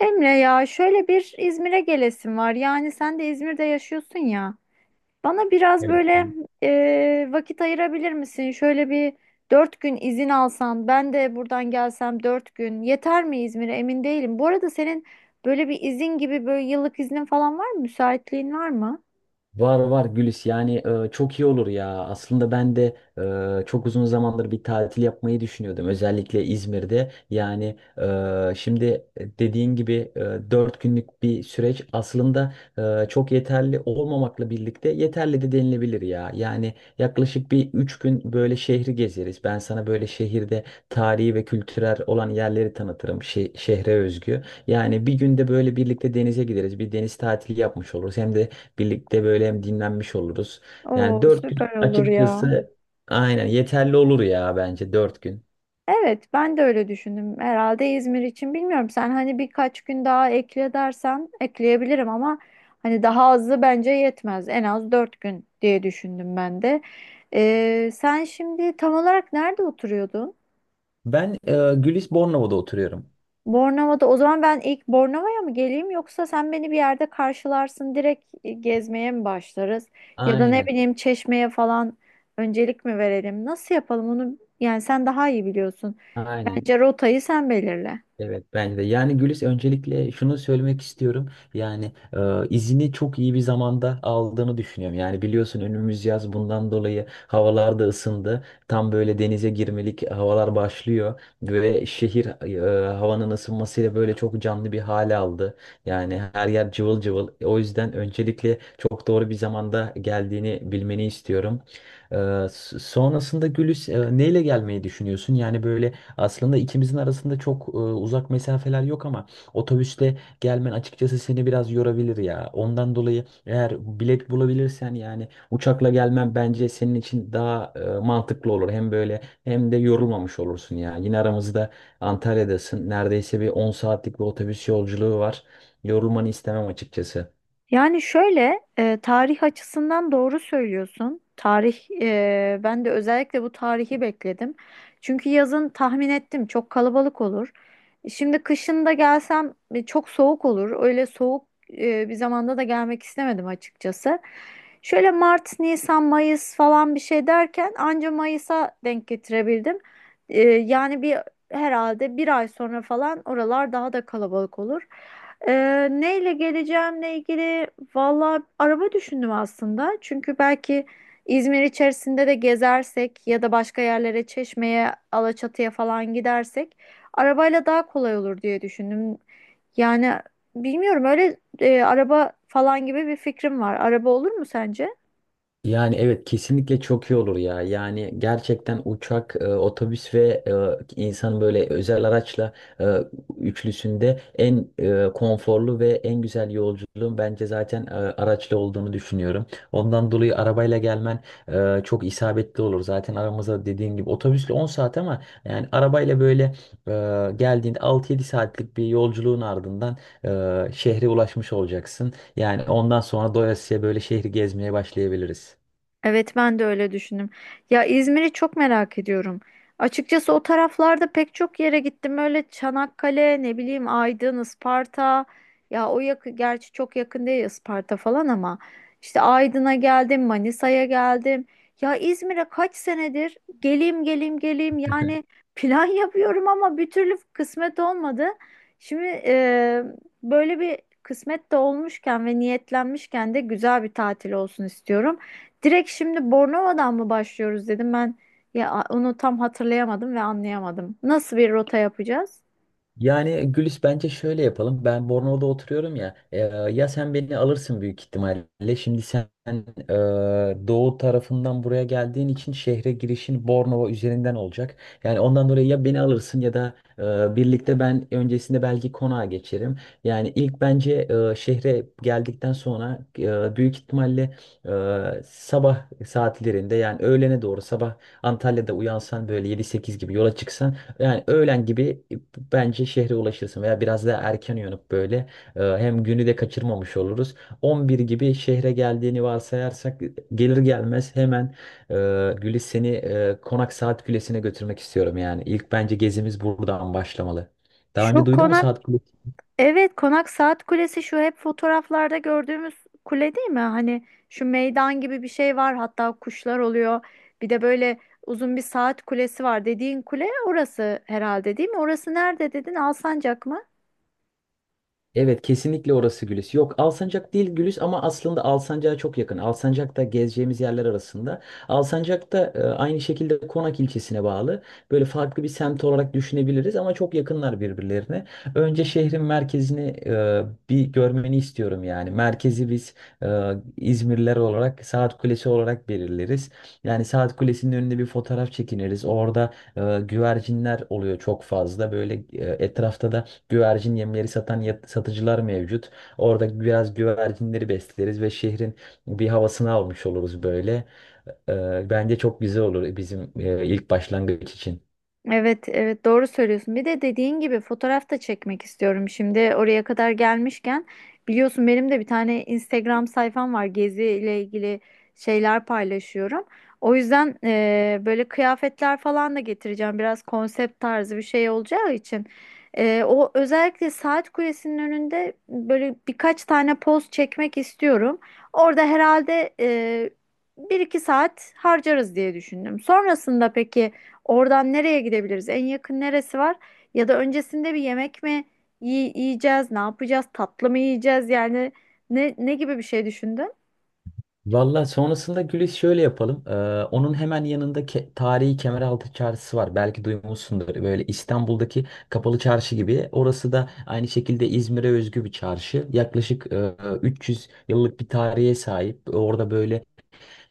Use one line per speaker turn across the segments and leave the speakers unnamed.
Emre, ya şöyle bir İzmir'e gelesim var. Yani sen de İzmir'de yaşıyorsun ya. Bana biraz
Evet.
böyle vakit ayırabilir misin? Şöyle bir 4 gün izin alsan, ben de buradan gelsem 4 gün yeter mi İzmir'e? Emin değilim. Bu arada senin böyle bir izin gibi böyle yıllık iznin falan var mı? Müsaitliğin var mı?
Var var Gülis, yani çok iyi olur ya. Aslında ben de çok uzun zamandır bir tatil yapmayı düşünüyordum. Özellikle İzmir'de. Yani şimdi dediğin gibi 4 günlük bir süreç aslında çok yeterli olmamakla birlikte yeterli de denilebilir ya. Yani yaklaşık bir 3 gün böyle şehri gezeriz. Ben sana böyle şehirde tarihi ve kültürel olan yerleri tanıtırım. Şehre özgü. Yani bir günde böyle birlikte denize gideriz. Bir deniz tatili yapmış oluruz. Hem de birlikte böyle hem dinlenmiş oluruz. Yani
Oo,
4 gün
süper olur ya.
açıkçası aynen yeterli olur ya, bence 4 gün.
Evet, ben de öyle düşündüm. Herhalde İzmir için, bilmiyorum. Sen hani birkaç gün daha ekle dersen ekleyebilirim ama hani daha azı bence yetmez. En az 4 gün diye düşündüm ben de. Sen şimdi tam olarak nerede oturuyordun?
Ben Gülis Bornova'da oturuyorum.
Bornova'da. O zaman ben ilk Bornova'ya mı geleyim yoksa sen beni bir yerde karşılarsın, direkt gezmeye mi başlarız? Ya da ne
Aynen.
bileyim, Çeşme'ye falan öncelik mi verelim? Nasıl yapalım onu? Yani sen daha iyi biliyorsun.
Aynen.
Bence rotayı sen belirle.
Evet, bence de. Yani Gülis, öncelikle şunu söylemek istiyorum. Yani izini çok iyi bir zamanda aldığını düşünüyorum. Yani biliyorsun, önümüz yaz, bundan dolayı havalar da ısındı. Tam böyle denize girmelik havalar başlıyor ve şehir havanın ısınmasıyla böyle çok canlı bir hale aldı. Yani her yer cıvıl cıvıl. O yüzden öncelikle çok doğru bir zamanda geldiğini bilmeni istiyorum. E, Sonrasında Gülis, neyle gelmeyi düşünüyorsun? Yani böyle aslında ikimizin arasında çok uzak mesafeler yok ama otobüsle gelmen açıkçası seni biraz yorabilir ya. Ondan dolayı eğer bilet bulabilirsen yani uçakla gelmen bence senin için daha mantıklı olur. Hem böyle hem de yorulmamış olursun ya. Yine aramızda Antalya'dasın. Neredeyse bir 10 saatlik bir otobüs yolculuğu var. Yorulmanı istemem açıkçası.
Yani şöyle, tarih açısından doğru söylüyorsun. Ben de özellikle bu tarihi bekledim. Çünkü yazın tahmin ettim, çok kalabalık olur. Şimdi kışın da gelsem çok soğuk olur. Öyle soğuk bir zamanda da gelmek istemedim açıkçası. Şöyle Mart, Nisan, Mayıs falan bir şey derken anca Mayıs'a denk getirebildim. Yani bir, herhalde bir ay sonra falan oralar daha da kalabalık olur. Neyle geleceğimle ilgili valla araba düşündüm aslında. Çünkü belki İzmir içerisinde de gezersek ya da başka yerlere, Çeşme'ye, Alaçatı'ya falan gidersek arabayla daha kolay olur diye düşündüm. Yani bilmiyorum, öyle araba falan gibi bir fikrim var. Araba olur mu sence?
Yani evet, kesinlikle çok iyi olur ya. Yani gerçekten uçak, otobüs ve insan böyle özel araçla e, üçlüsünde en konforlu ve en güzel yolculuğun bence zaten araçla olduğunu düşünüyorum. Ondan dolayı arabayla gelmen çok isabetli olur. Zaten aramızda dediğim gibi otobüsle 10 saat, ama yani arabayla böyle geldiğinde 6 yedi saatlik bir yolculuğun ardından şehre ulaşmış olacaksın. Yani ondan sonra doyasıya böyle şehri gezmeye başlayabiliriz.
Evet, ben de öyle düşündüm. Ya, İzmir'i çok merak ediyorum. Açıkçası o taraflarda pek çok yere gittim. Öyle Çanakkale, ne bileyim, Aydın, Isparta. Ya o yakın, gerçi çok yakın değil Isparta falan, ama işte Aydın'a geldim, Manisa'ya geldim. Ya İzmir'e kaç senedir geleyim geleyim geleyim, yani plan yapıyorum ama bir türlü kısmet olmadı. Şimdi böyle bir kısmet de olmuşken ve niyetlenmişken de güzel bir tatil olsun istiyorum. Direkt şimdi Bornova'dan mı başlıyoruz dedim ben, ya onu tam hatırlayamadım ve anlayamadım. Nasıl bir rota yapacağız?
Yani Gülis, bence şöyle yapalım. Ben Bornova'da oturuyorum ya. Ya sen beni alırsın büyük ihtimalle. Şimdi sen e, doğu tarafından buraya geldiğin için şehre girişin Bornova üzerinden olacak. Yani ondan dolayı ya beni alırsın ya da birlikte ben öncesinde belki konağa geçerim. Yani ilk bence şehre geldikten sonra büyük ihtimalle sabah saatlerinde, yani öğlene doğru sabah Antalya'da uyansan böyle 7-8 gibi yola çıksan, yani öğlen gibi bence şehre ulaşırsın veya biraz daha erken uyanıp böyle hem günü de kaçırmamış oluruz. 11 gibi şehre geldiğini varsayarsak, gelir gelmez hemen e, Gülis, seni Konak Saat Kulesi'ne götürmek istiyorum yani. İlk bence gezimiz buradan başlamalı. Daha önce
Şu
duydun mu
konak,
Saat?
evet, konak saat kulesi, şu hep fotoğraflarda gördüğümüz kule değil mi? Hani şu meydan gibi bir şey var, hatta kuşlar oluyor. Bir de böyle uzun bir saat kulesi var dediğin kule, orası herhalde değil mi? Orası nerede dedin? Alsancak mı?
Evet, kesinlikle orası Gülis. Yok, Alsancak değil Gülis, ama aslında Alsancak'a çok yakın. Alsancak da gezeceğimiz yerler arasında. Alsancak da aynı şekilde Konak ilçesine bağlı. Böyle farklı bir semt olarak düşünebiliriz ama çok yakınlar birbirlerine. Önce şehrin merkezini bir görmeni istiyorum yani. Merkezi biz e, İzmirliler olarak Saat Kulesi olarak belirleriz. Yani Saat Kulesi'nin önünde bir fotoğraf çekiniriz. Orada güvercinler oluyor çok fazla. Böyle etrafta da güvercin yemleri satan satıcılar mevcut. Orada biraz güvercinleri besleriz ve şehrin bir havasını almış oluruz böyle. Bence çok güzel olur bizim ilk başlangıç için.
Evet, evet, doğru söylüyorsun. Bir de dediğin gibi fotoğraf da çekmek istiyorum. Şimdi oraya kadar gelmişken, biliyorsun benim de bir tane Instagram sayfam var. Gezi ile ilgili şeyler paylaşıyorum. O yüzden böyle kıyafetler falan da getireceğim. Biraz konsept tarzı bir şey olacağı için. O özellikle saat kulesinin önünde böyle birkaç tane poz çekmek istiyorum. Orada herhalde bir iki saat harcarız diye düşündüm. Sonrasında peki, oradan nereye gidebiliriz? En yakın neresi var? Ya da öncesinde bir yemek mi yiyeceğiz? Ne yapacağız? Tatlı mı yiyeceğiz? Yani ne gibi bir şey düşündün?
Valla sonrasında Gülis, şöyle yapalım. Onun hemen yanında tarihi Kemeraltı Çarşısı var. Belki duymuşsundur. Böyle İstanbul'daki kapalı çarşı gibi. Orası da aynı şekilde İzmir'e özgü bir çarşı. Yaklaşık 300 yıllık bir tarihe sahip. Orada böyle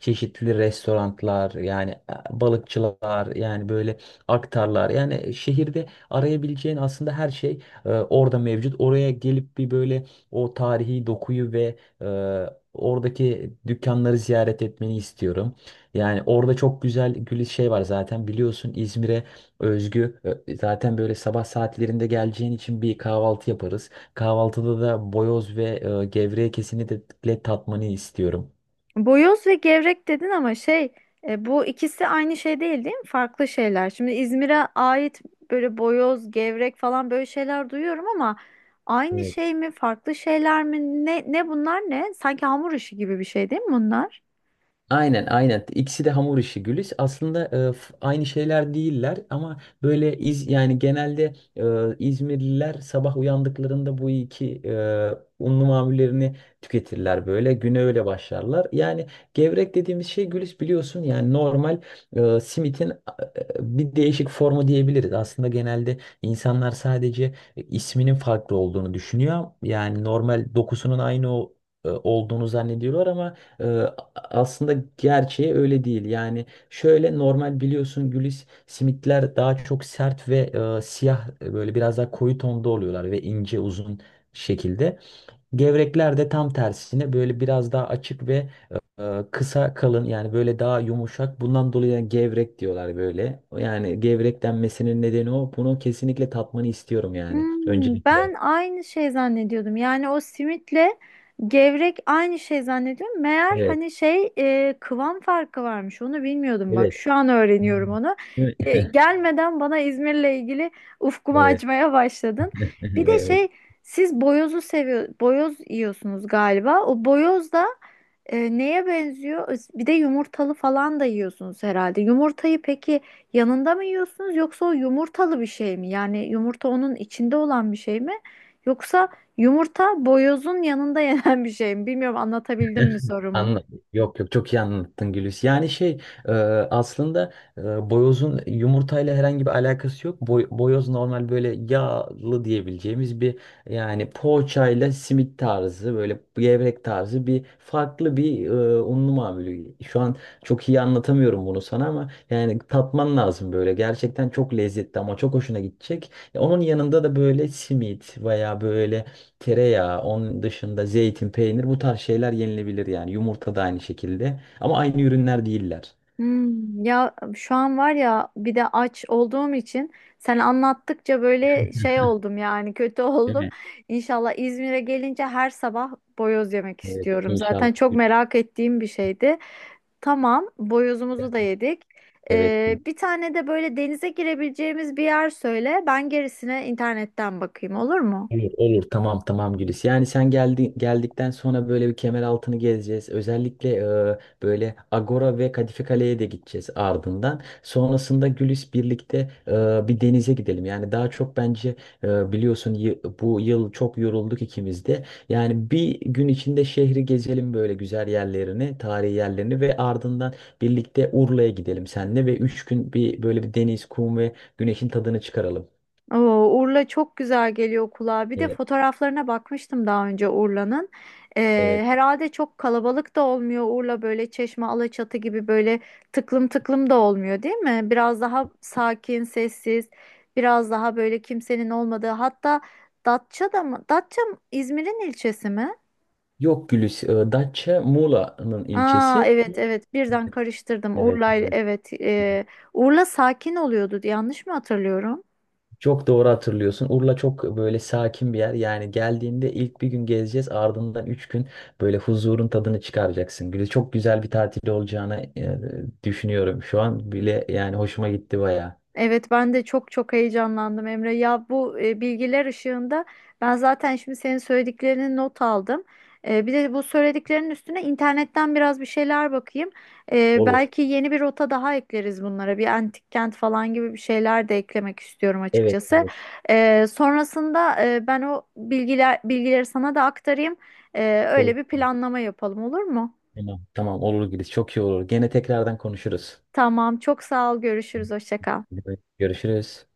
çeşitli restoranlar, yani balıkçılar, yani böyle aktarlar, yani şehirde arayabileceğin aslında her şey orada mevcut. Oraya gelip bir böyle o tarihi dokuyu ve e, oradaki dükkanları ziyaret etmeni istiyorum. Yani orada çok güzel gül şey var, zaten biliyorsun İzmir'e özgü zaten böyle sabah saatlerinde geleceğin için bir kahvaltı yaparız. Kahvaltıda da boyoz ve gevrek kesini de tatmanı istiyorum.
Boyoz ve gevrek dedin ama şey, bu ikisi aynı şey değil, değil mi? Farklı şeyler. Şimdi İzmir'e ait böyle boyoz, gevrek falan böyle şeyler duyuyorum ama aynı şey
Evet.
mi, farklı şeyler mi? Ne bunlar, ne? Sanki hamur işi gibi bir şey değil mi bunlar?
Aynen, aynen. İkisi de hamur işi Gülis. Aslında aynı şeyler değiller ama böyle iz, yani genelde İzmirliler sabah uyandıklarında bu iki unlu mamullerini tüketirler böyle. Güne öyle başlarlar. Yani gevrek dediğimiz şey Gülis, biliyorsun, yani normal simitin bir değişik formu diyebiliriz. Aslında genelde insanlar sadece isminin farklı olduğunu düşünüyor. Yani normal dokusunun aynı olduğunu zannediyorlar, ama e, aslında gerçeği öyle değil. Yani şöyle, normal biliyorsun Gülis, simitler daha çok sert ve siyah, böyle biraz daha koyu tonda oluyorlar ve ince uzun şekilde. Gevrekler de tam tersine böyle biraz daha açık ve kısa kalın, yani böyle daha yumuşak. Bundan dolayı yani gevrek diyorlar böyle. Yani gevrek denmesinin nedeni o. Bunu kesinlikle tatmanı istiyorum yani,
Hmm, ben
öncelikle.
aynı şey zannediyordum. Yani o simitle gevrek aynı şey zannediyorum. Meğer,
Evet,
hani şey, kıvam farkı varmış. Onu bilmiyordum, bak.
evet.
Şu an
Hmm.
öğreniyorum onu.
Değil
E,
mi?
gelmeden bana İzmir'le ilgili ufkumu
Evet.
açmaya başladın. Bir de
Evet.
şey, siz boyozu seviyor, boyoz yiyorsunuz galiba. O boyoz da neye benziyor? Bir de yumurtalı falan da yiyorsunuz herhalde. Yumurtayı peki yanında mı yiyorsunuz, yoksa o yumurtalı bir şey mi? Yani yumurta onun içinde olan bir şey mi? Yoksa yumurta boyozun yanında yenen bir şey mi? Bilmiyorum, anlatabildim mi sorumu?
Anladım. Yok, yok, çok iyi anlattın Gülüs. Yani şey, e, aslında boyozun yumurtayla herhangi bir alakası yok. Boyoz normal böyle yağlı diyebileceğimiz bir, yani poğaçayla simit tarzı, böyle gevrek tarzı bir farklı bir unlu mamulü. Şu an çok iyi anlatamıyorum bunu sana, ama yani tatman lazım böyle. Gerçekten çok lezzetli ama çok hoşuna gidecek. Onun yanında da böyle simit veya böyle tereyağı, onun dışında zeytin, peynir, bu tarz şeyler yenilebilir yani. Yumurta da aynı şekilde. Ama aynı ürünler değiller.
Hmm, ya şu an var ya, bir de aç olduğum için sen anlattıkça böyle şey oldum, yani kötü
Değil
oldum.
mi?
İnşallah İzmir'e gelince her sabah boyoz yemek
Evet,
istiyorum.
inşallah.
Zaten çok merak ettiğim bir şeydi. Tamam, boyozumuzu da yedik.
Evet.
Bir tane de böyle denize girebileceğimiz bir yer söyle. Ben gerisine internetten bakayım, olur mu?
Olur, olur. Tamam, tamam Gülis. Yani sen geldikten sonra böyle bir kemer altını gezeceğiz. Özellikle böyle Agora ve Kadife Kale'ye de gideceğiz ardından. Sonrasında Gülis, birlikte e, bir denize gidelim. Yani daha çok bence biliyorsun, bu yıl çok yorulduk ikimiz de. Yani bir gün içinde şehri gezelim, böyle güzel yerlerini, tarihi yerlerini, ve ardından birlikte Urla'ya gidelim seninle ve 3 gün bir böyle bir deniz, kum ve güneşin tadını çıkaralım.
Oo, Urla çok güzel geliyor kulağa. Bir de
Evet.
fotoğraflarına bakmıştım daha önce Urla'nın. Ee,
Evet.
herhalde çok kalabalık da olmuyor Urla, böyle Çeşme, Alaçatı gibi böyle tıklım tıklım da olmuyor, değil mi? Biraz daha sakin, sessiz, biraz daha böyle kimsenin olmadığı. Hatta Datça da mı? Datça İzmir'in ilçesi mi?
Yok Gülis, Datça Muğla'nın
Aa,
ilçesi.
evet, evet, birden karıştırdım.
Evet,
Urla,
evet.
evet, Urla sakin oluyordu, yanlış mı hatırlıyorum?
Çok doğru hatırlıyorsun. Urla çok böyle sakin bir yer. Yani geldiğinde ilk bir gün gezeceğiz. Ardından 3 gün böyle huzurun tadını çıkaracaksın. Gülis, çok güzel bir tatil olacağını düşünüyorum. Şu an bile yani hoşuma gitti bayağı.
Evet, ben de çok çok heyecanlandım Emre. Ya bu, bilgiler ışığında ben zaten şimdi senin söylediklerini not aldım. Bir de bu söylediklerinin üstüne internetten biraz bir şeyler bakayım. E,
Olur.
belki yeni bir rota daha ekleriz bunlara. Bir antik kent falan gibi bir şeyler de eklemek istiyorum
Evet,
açıkçası.
evet.
Sonrasında ben o bilgileri sana da aktarayım. E,
Olur.
öyle bir planlama yapalım, olur mu?
Tamam, tamam olur Gülis. Çok iyi olur. Gene tekrardan konuşuruz.
Tamam, çok sağ ol, görüşürüz, hoşça kal.
Evet, görüşürüz.